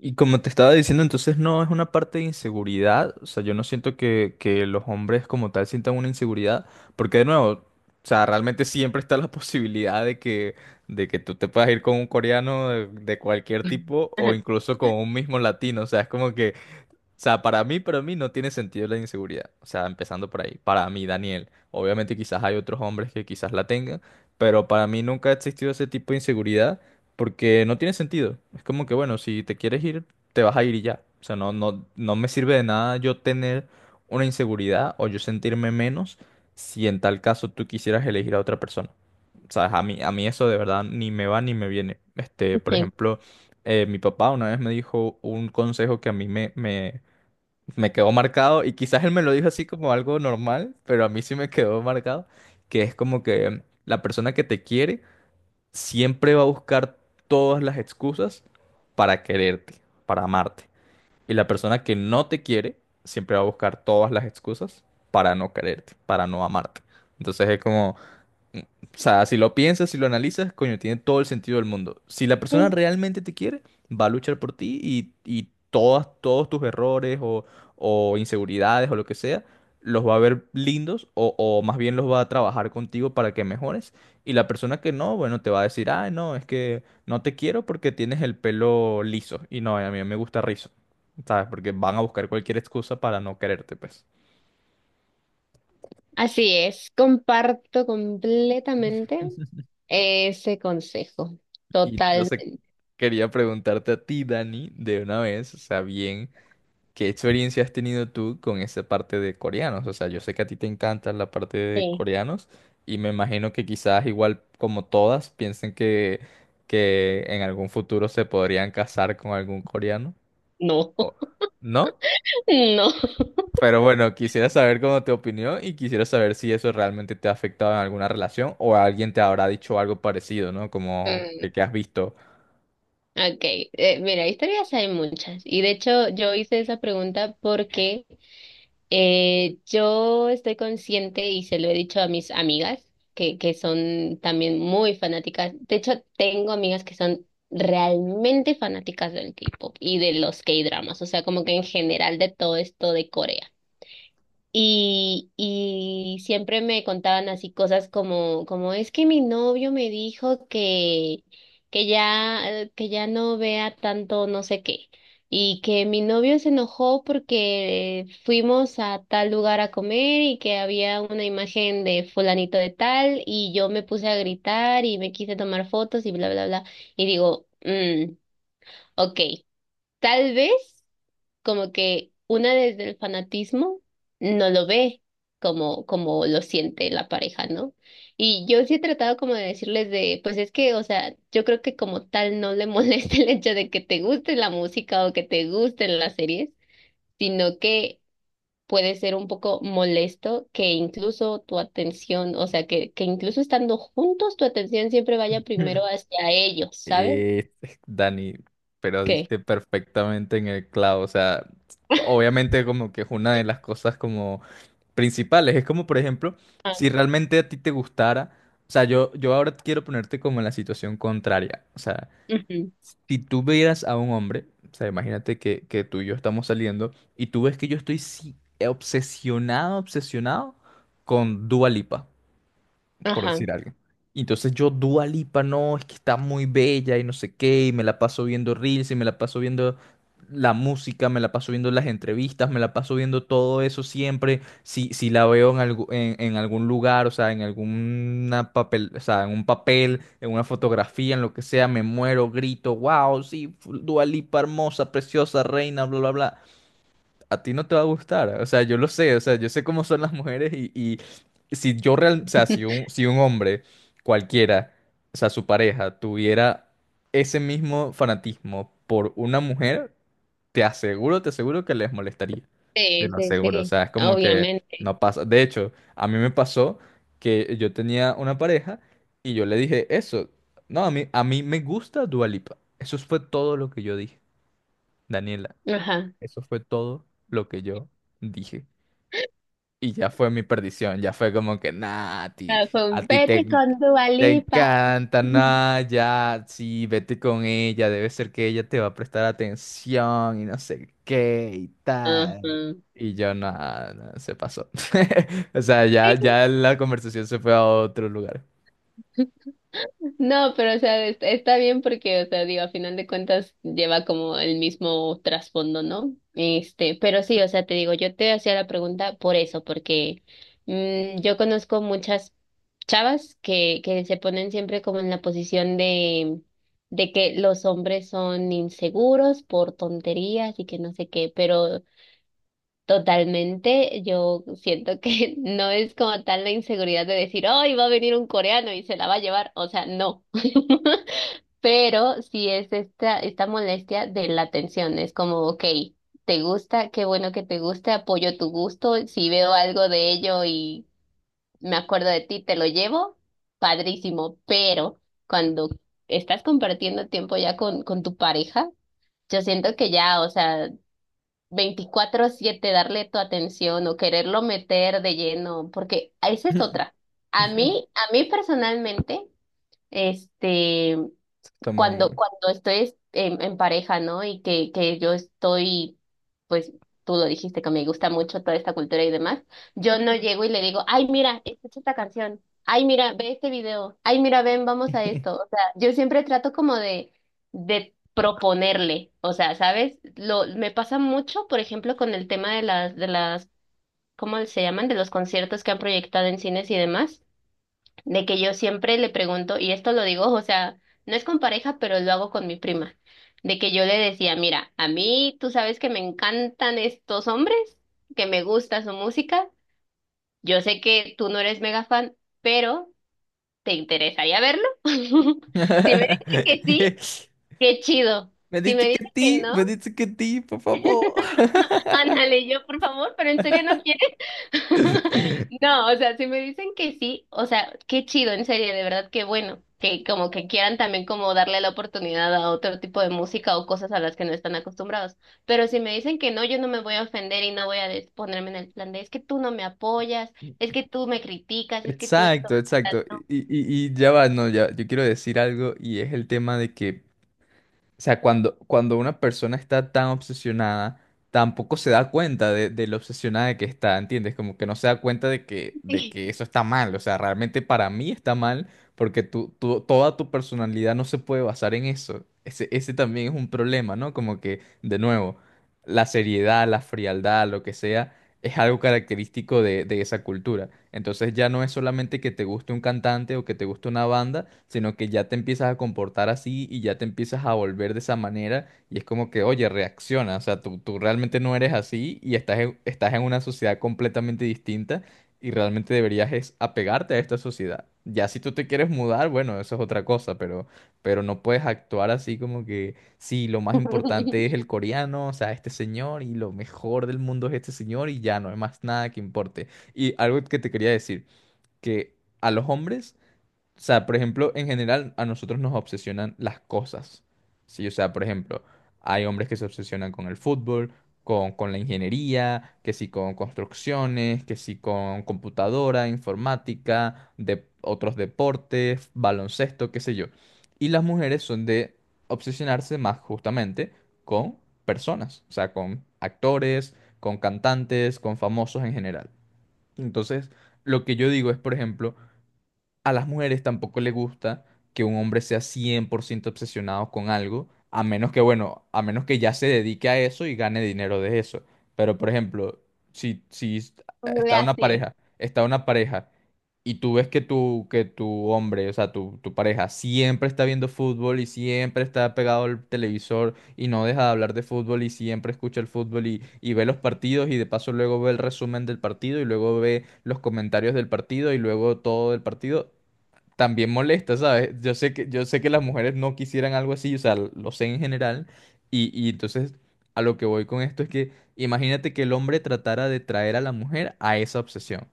Y como te estaba diciendo, entonces no es una parte de inseguridad. O sea, yo no siento que los hombres como tal sientan una inseguridad. Porque de nuevo, o sea, realmente siempre está la posibilidad de que tú te puedas ir con un coreano de cualquier tipo o incluso con un mismo latino. O sea, es como que o sea, para mí no tiene sentido la inseguridad. O sea, empezando por ahí. Para mí, Daniel. Obviamente quizás hay otros hombres que quizás la tengan, pero para mí nunca ha existido ese tipo de inseguridad porque no tiene sentido. Es como que, bueno, si te quieres ir, te vas a ir y ya. O sea, no, no, no me sirve de nada yo tener una inseguridad o yo sentirme menos si en tal caso tú quisieras elegir a otra persona. O sea, a mí eso de verdad ni me va ni me viene. Este, por Sí, ejemplo, mi papá una vez me dijo un consejo que a mí me quedó marcado y quizás él me lo dijo así como algo normal, pero a mí sí me quedó marcado, que es como que la persona que te quiere siempre va a buscar todas las excusas para quererte, para amarte. Y la persona que no te quiere siempre va a buscar todas las excusas para no quererte, para no amarte. Entonces es como... O sea, si lo piensas, si lo analizas, coño, tiene todo el sentido del mundo. Si la persona sí, realmente te quiere, va a luchar por ti y todas, todos tus errores o inseguridades o lo que sea, los va a ver lindos o más bien los va a trabajar contigo para que mejores. Y la persona que no, bueno, te va a decir, ah no, es que no te quiero porque tienes el pelo liso. Y no, a mí me gusta rizo. ¿Sabes? Porque van a buscar cualquier excusa para no quererte, pues. así es. Comparto completamente ese consejo. Y entonces Totalmente. quería preguntarte a ti, Dani, de una vez, o sea, bien. ¿Qué experiencia has tenido tú con esa parte de coreanos? O sea, yo sé que a ti te encanta la parte de Sí. coreanos y me imagino que quizás igual como todas piensen que en algún futuro se podrían casar con algún coreano. No, o- ¿No? no. Pero bueno, quisiera saber cómo te opinión y quisiera saber si eso realmente te ha afectado en alguna relación o alguien te habrá dicho algo parecido, ¿no? Como Mm, que has visto. ok, mira, historias hay muchas. Y de hecho yo hice esa pregunta porque yo estoy consciente y se lo he dicho a mis amigas, que son también muy fanáticas. De hecho, tengo amigas que son realmente fanáticas del K-pop y de los K-dramas, o sea, como que en general de todo esto de Corea. Y siempre me contaban así cosas como, como es que mi novio me dijo que ya no vea tanto no sé qué. Y que mi novio se enojó porque fuimos a tal lugar a comer y que había una imagen de fulanito de tal y yo me puse a gritar y me quise tomar fotos y bla, bla, bla. Y digo, mm, ok, tal vez como que una desde el fanatismo no lo ve como, como lo siente la pareja, ¿no? Y yo sí he tratado como de decirles de, pues es que, o sea, yo creo que como tal no le molesta el hecho de que te guste la música o que te gusten las series, sino que puede ser un poco molesto que incluso tu atención, o sea, que incluso estando juntos, tu atención siempre vaya primero hacia ellos, ¿sabes? Eh, Dani, pero ¿Qué? diste perfectamente en el clavo. O sea, obviamente como que es una de las cosas como principales. Es como, por ejemplo, Ah, si realmente a ti te gustara. O sea, yo ahora quiero ponerte como en la situación contraria. O sea, ujú. si tú vieras a un hombre, o sea, imagínate que tú y yo estamos saliendo y tú ves que yo estoy sí, obsesionado, obsesionado con Dua Lipa por Ajá. decir algo. Y entonces yo, Dua Lipa, no, es que está muy bella y no sé qué, y me la paso viendo reels, y me la paso viendo la música, me la paso viendo las entrevistas, me la paso viendo todo eso siempre. Si, si la veo en, en algún lugar, o sea, en alguna papel, o sea, en un papel, en una fotografía, en lo que sea, me muero, grito, wow, sí, Dua Lipa, hermosa, preciosa, reina, bla, bla, bla a ti no te va a gustar. O sea, yo lo sé, o sea, yo sé cómo son las mujeres y si yo real, o sea, si un hombre cualquiera, o sea, su pareja, tuviera ese mismo fanatismo por una mujer, te aseguro que les molestaría. Te Sí, lo sí, aseguro, o sí, sea, es como que obviamente. no pasa. De hecho, a mí me pasó que yo tenía una pareja y yo le dije eso. No, a mí me gusta Dua Lipa. Eso fue todo lo que yo dije, Daniela. Ajá. Eso fue todo lo que yo dije. Y ya fue mi perdición, ya fue como que, nah, a ti, Ah, fue a un ti te, vete en- con Dua te Lipa. encanta, nah, ya, sí, vete con ella, debe ser que ella te va a prestar atención y no sé qué y Ajá. tal. Y yo, nada, se pasó. O sea, ya, ya la conversación se fue a otro lugar. No, pero o sea, es- está bien porque, o sea, digo, a final de cuentas lleva como el mismo trasfondo, ¿no? Este, pero sí, o sea, te digo, yo te hacía la pregunta por eso, porque mm, yo conozco muchas chavas que se ponen siempre como en la posición de que los hombres son inseguros por tonterías y que no sé qué, pero totalmente, yo siento que no es como tal la inseguridad de decir, ¡ay, va a venir un coreano y se la va a llevar! O sea, no. Pero sí es esta, esta molestia de la atención, es como, ok, te gusta, qué bueno que te guste, apoyo tu gusto, si veo algo de ello y me acuerdo de ti, te lo llevo, padrísimo, pero cuando estás compartiendo tiempo ya con tu pareja, yo siento que ya, o sea, 24/7 darle tu atención o quererlo meter de lleno, porque esa es otra. A mí personalmente, este, Está muy cuando, mal. cuando estoy en pareja, ¿no? Y que yo estoy, pues tú lo dijiste, que me gusta mucho toda esta cultura y demás, yo no llego y le digo, ay, mira, escucha esta canción, ay, mira, ve este video, ay, mira, ven, vamos a esto. O sea, yo siempre trato como de proponerle, o sea, ¿sabes? Lo, me pasa mucho, por ejemplo, con el tema de las, ¿cómo se llaman? De los conciertos que han proyectado en cines y demás de que yo siempre le pregunto, y esto lo digo, o sea, no es con pareja, pero lo hago con mi prima, de que yo le decía, mira, a mí tú sabes que me encantan estos hombres, que me gusta su música, yo sé que tú no eres mega fan, pero ¿te interesaría verlo? Si me dice que sí, qué chido. Me Si me dice dice que que ti, no, me dice que ti, por favor. ándale, yo por favor, pero en serio no quiero. No, o sea, si me dicen que sí, o sea, qué chido, en serio, de verdad, qué bueno, que como que quieran también como darle la oportunidad a otro tipo de música o cosas a las que no están acostumbrados. Pero si me dicen que no, yo no me voy a ofender y no voy a des- ponerme en el plan de, es que tú no me apoyas, es que tú me criticas, es que tú esto, Exacto, o sea, exacto. no, Y, y ya va, no, ya, yo quiero decir algo y es el tema de que, o sea, cuando, cuando una persona está tan obsesionada, tampoco se da cuenta de lo obsesionada que está, ¿entiendes? Como que no se da cuenta de sí. que eso está mal. O sea, realmente para mí está mal porque tú, toda tu personalidad no se puede basar en eso. Ese también es un problema, ¿no? Como que, de nuevo, la seriedad, la frialdad, lo que sea es algo característico de esa cultura. Entonces ya no es solamente que te guste un cantante o que te guste una banda, sino que ya te empiezas a comportar así y ya te empiezas a volver de esa manera y es como que, oye, reacciona, o sea, tú realmente no eres así y estás en, estás en una sociedad completamente distinta y realmente deberías es apegarte a esta sociedad. Ya si tú te quieres mudar, bueno, eso es otra cosa, pero no puedes actuar así como que... Sí, lo más importante es el coreano, o sea, este señor y lo mejor del mundo es este señor y ya no hay más nada que importe. Y algo que te quería decir, que a los hombres o sea, por ejemplo, en general a nosotros nos obsesionan las cosas. Sí, o sea, por ejemplo, hay hombres que se obsesionan con el fútbol, con la ingeniería, que sí con construcciones, que sí con computadora, informática, de otros deportes, baloncesto, qué sé yo. Y las mujeres son de obsesionarse más justamente con personas, o sea, con actores, con cantantes, con famosos en general. Entonces, lo que yo digo es, por ejemplo, a las mujeres tampoco les gusta que un hombre sea 100% obsesionado con algo, a menos que, bueno, a menos que ya se dedique a eso y gane dinero de eso. Pero, por ejemplo, si, Así. Está una pareja y tú ves que tu hombre, o sea, tu pareja siempre está viendo fútbol y siempre está pegado al televisor y no deja de hablar de fútbol y siempre escucha el fútbol y ve los partidos y de paso luego ve el resumen del partido y luego ve los comentarios del partido y luego todo del partido, también molesta, ¿sabes? Yo sé que las mujeres no quisieran algo así, o sea, lo sé en general y entonces a lo que voy con esto es que imagínate que el hombre tratara de traer a la mujer a esa obsesión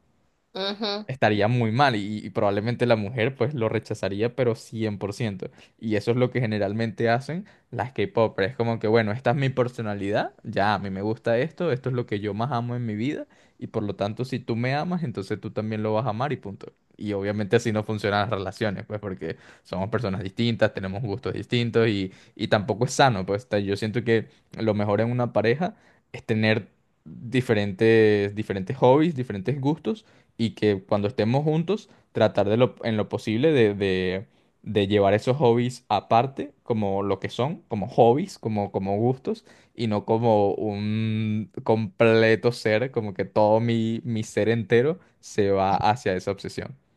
Ujú. estaría muy mal y probablemente la mujer pues lo rechazaría, pero 100% Y eso es lo que generalmente hacen las K-popers. Es como que, bueno, esta es mi personalidad, ya a mí me gusta esto, esto es lo que yo más amo en mi vida y por lo tanto si tú me amas, entonces tú también lo vas a amar y punto. Y obviamente así no funcionan las relaciones, pues porque somos personas distintas, tenemos gustos distintos y tampoco es sano, pues yo siento que lo mejor en una pareja es tener diferentes, diferentes hobbies, diferentes gustos y que cuando estemos juntos, tratar de lo, en lo posible de, de llevar esos hobbies aparte, como lo que son, como hobbies, como, como gustos, y no como un completo ser, como que todo mi, mi ser entero se va hacia esa obsesión.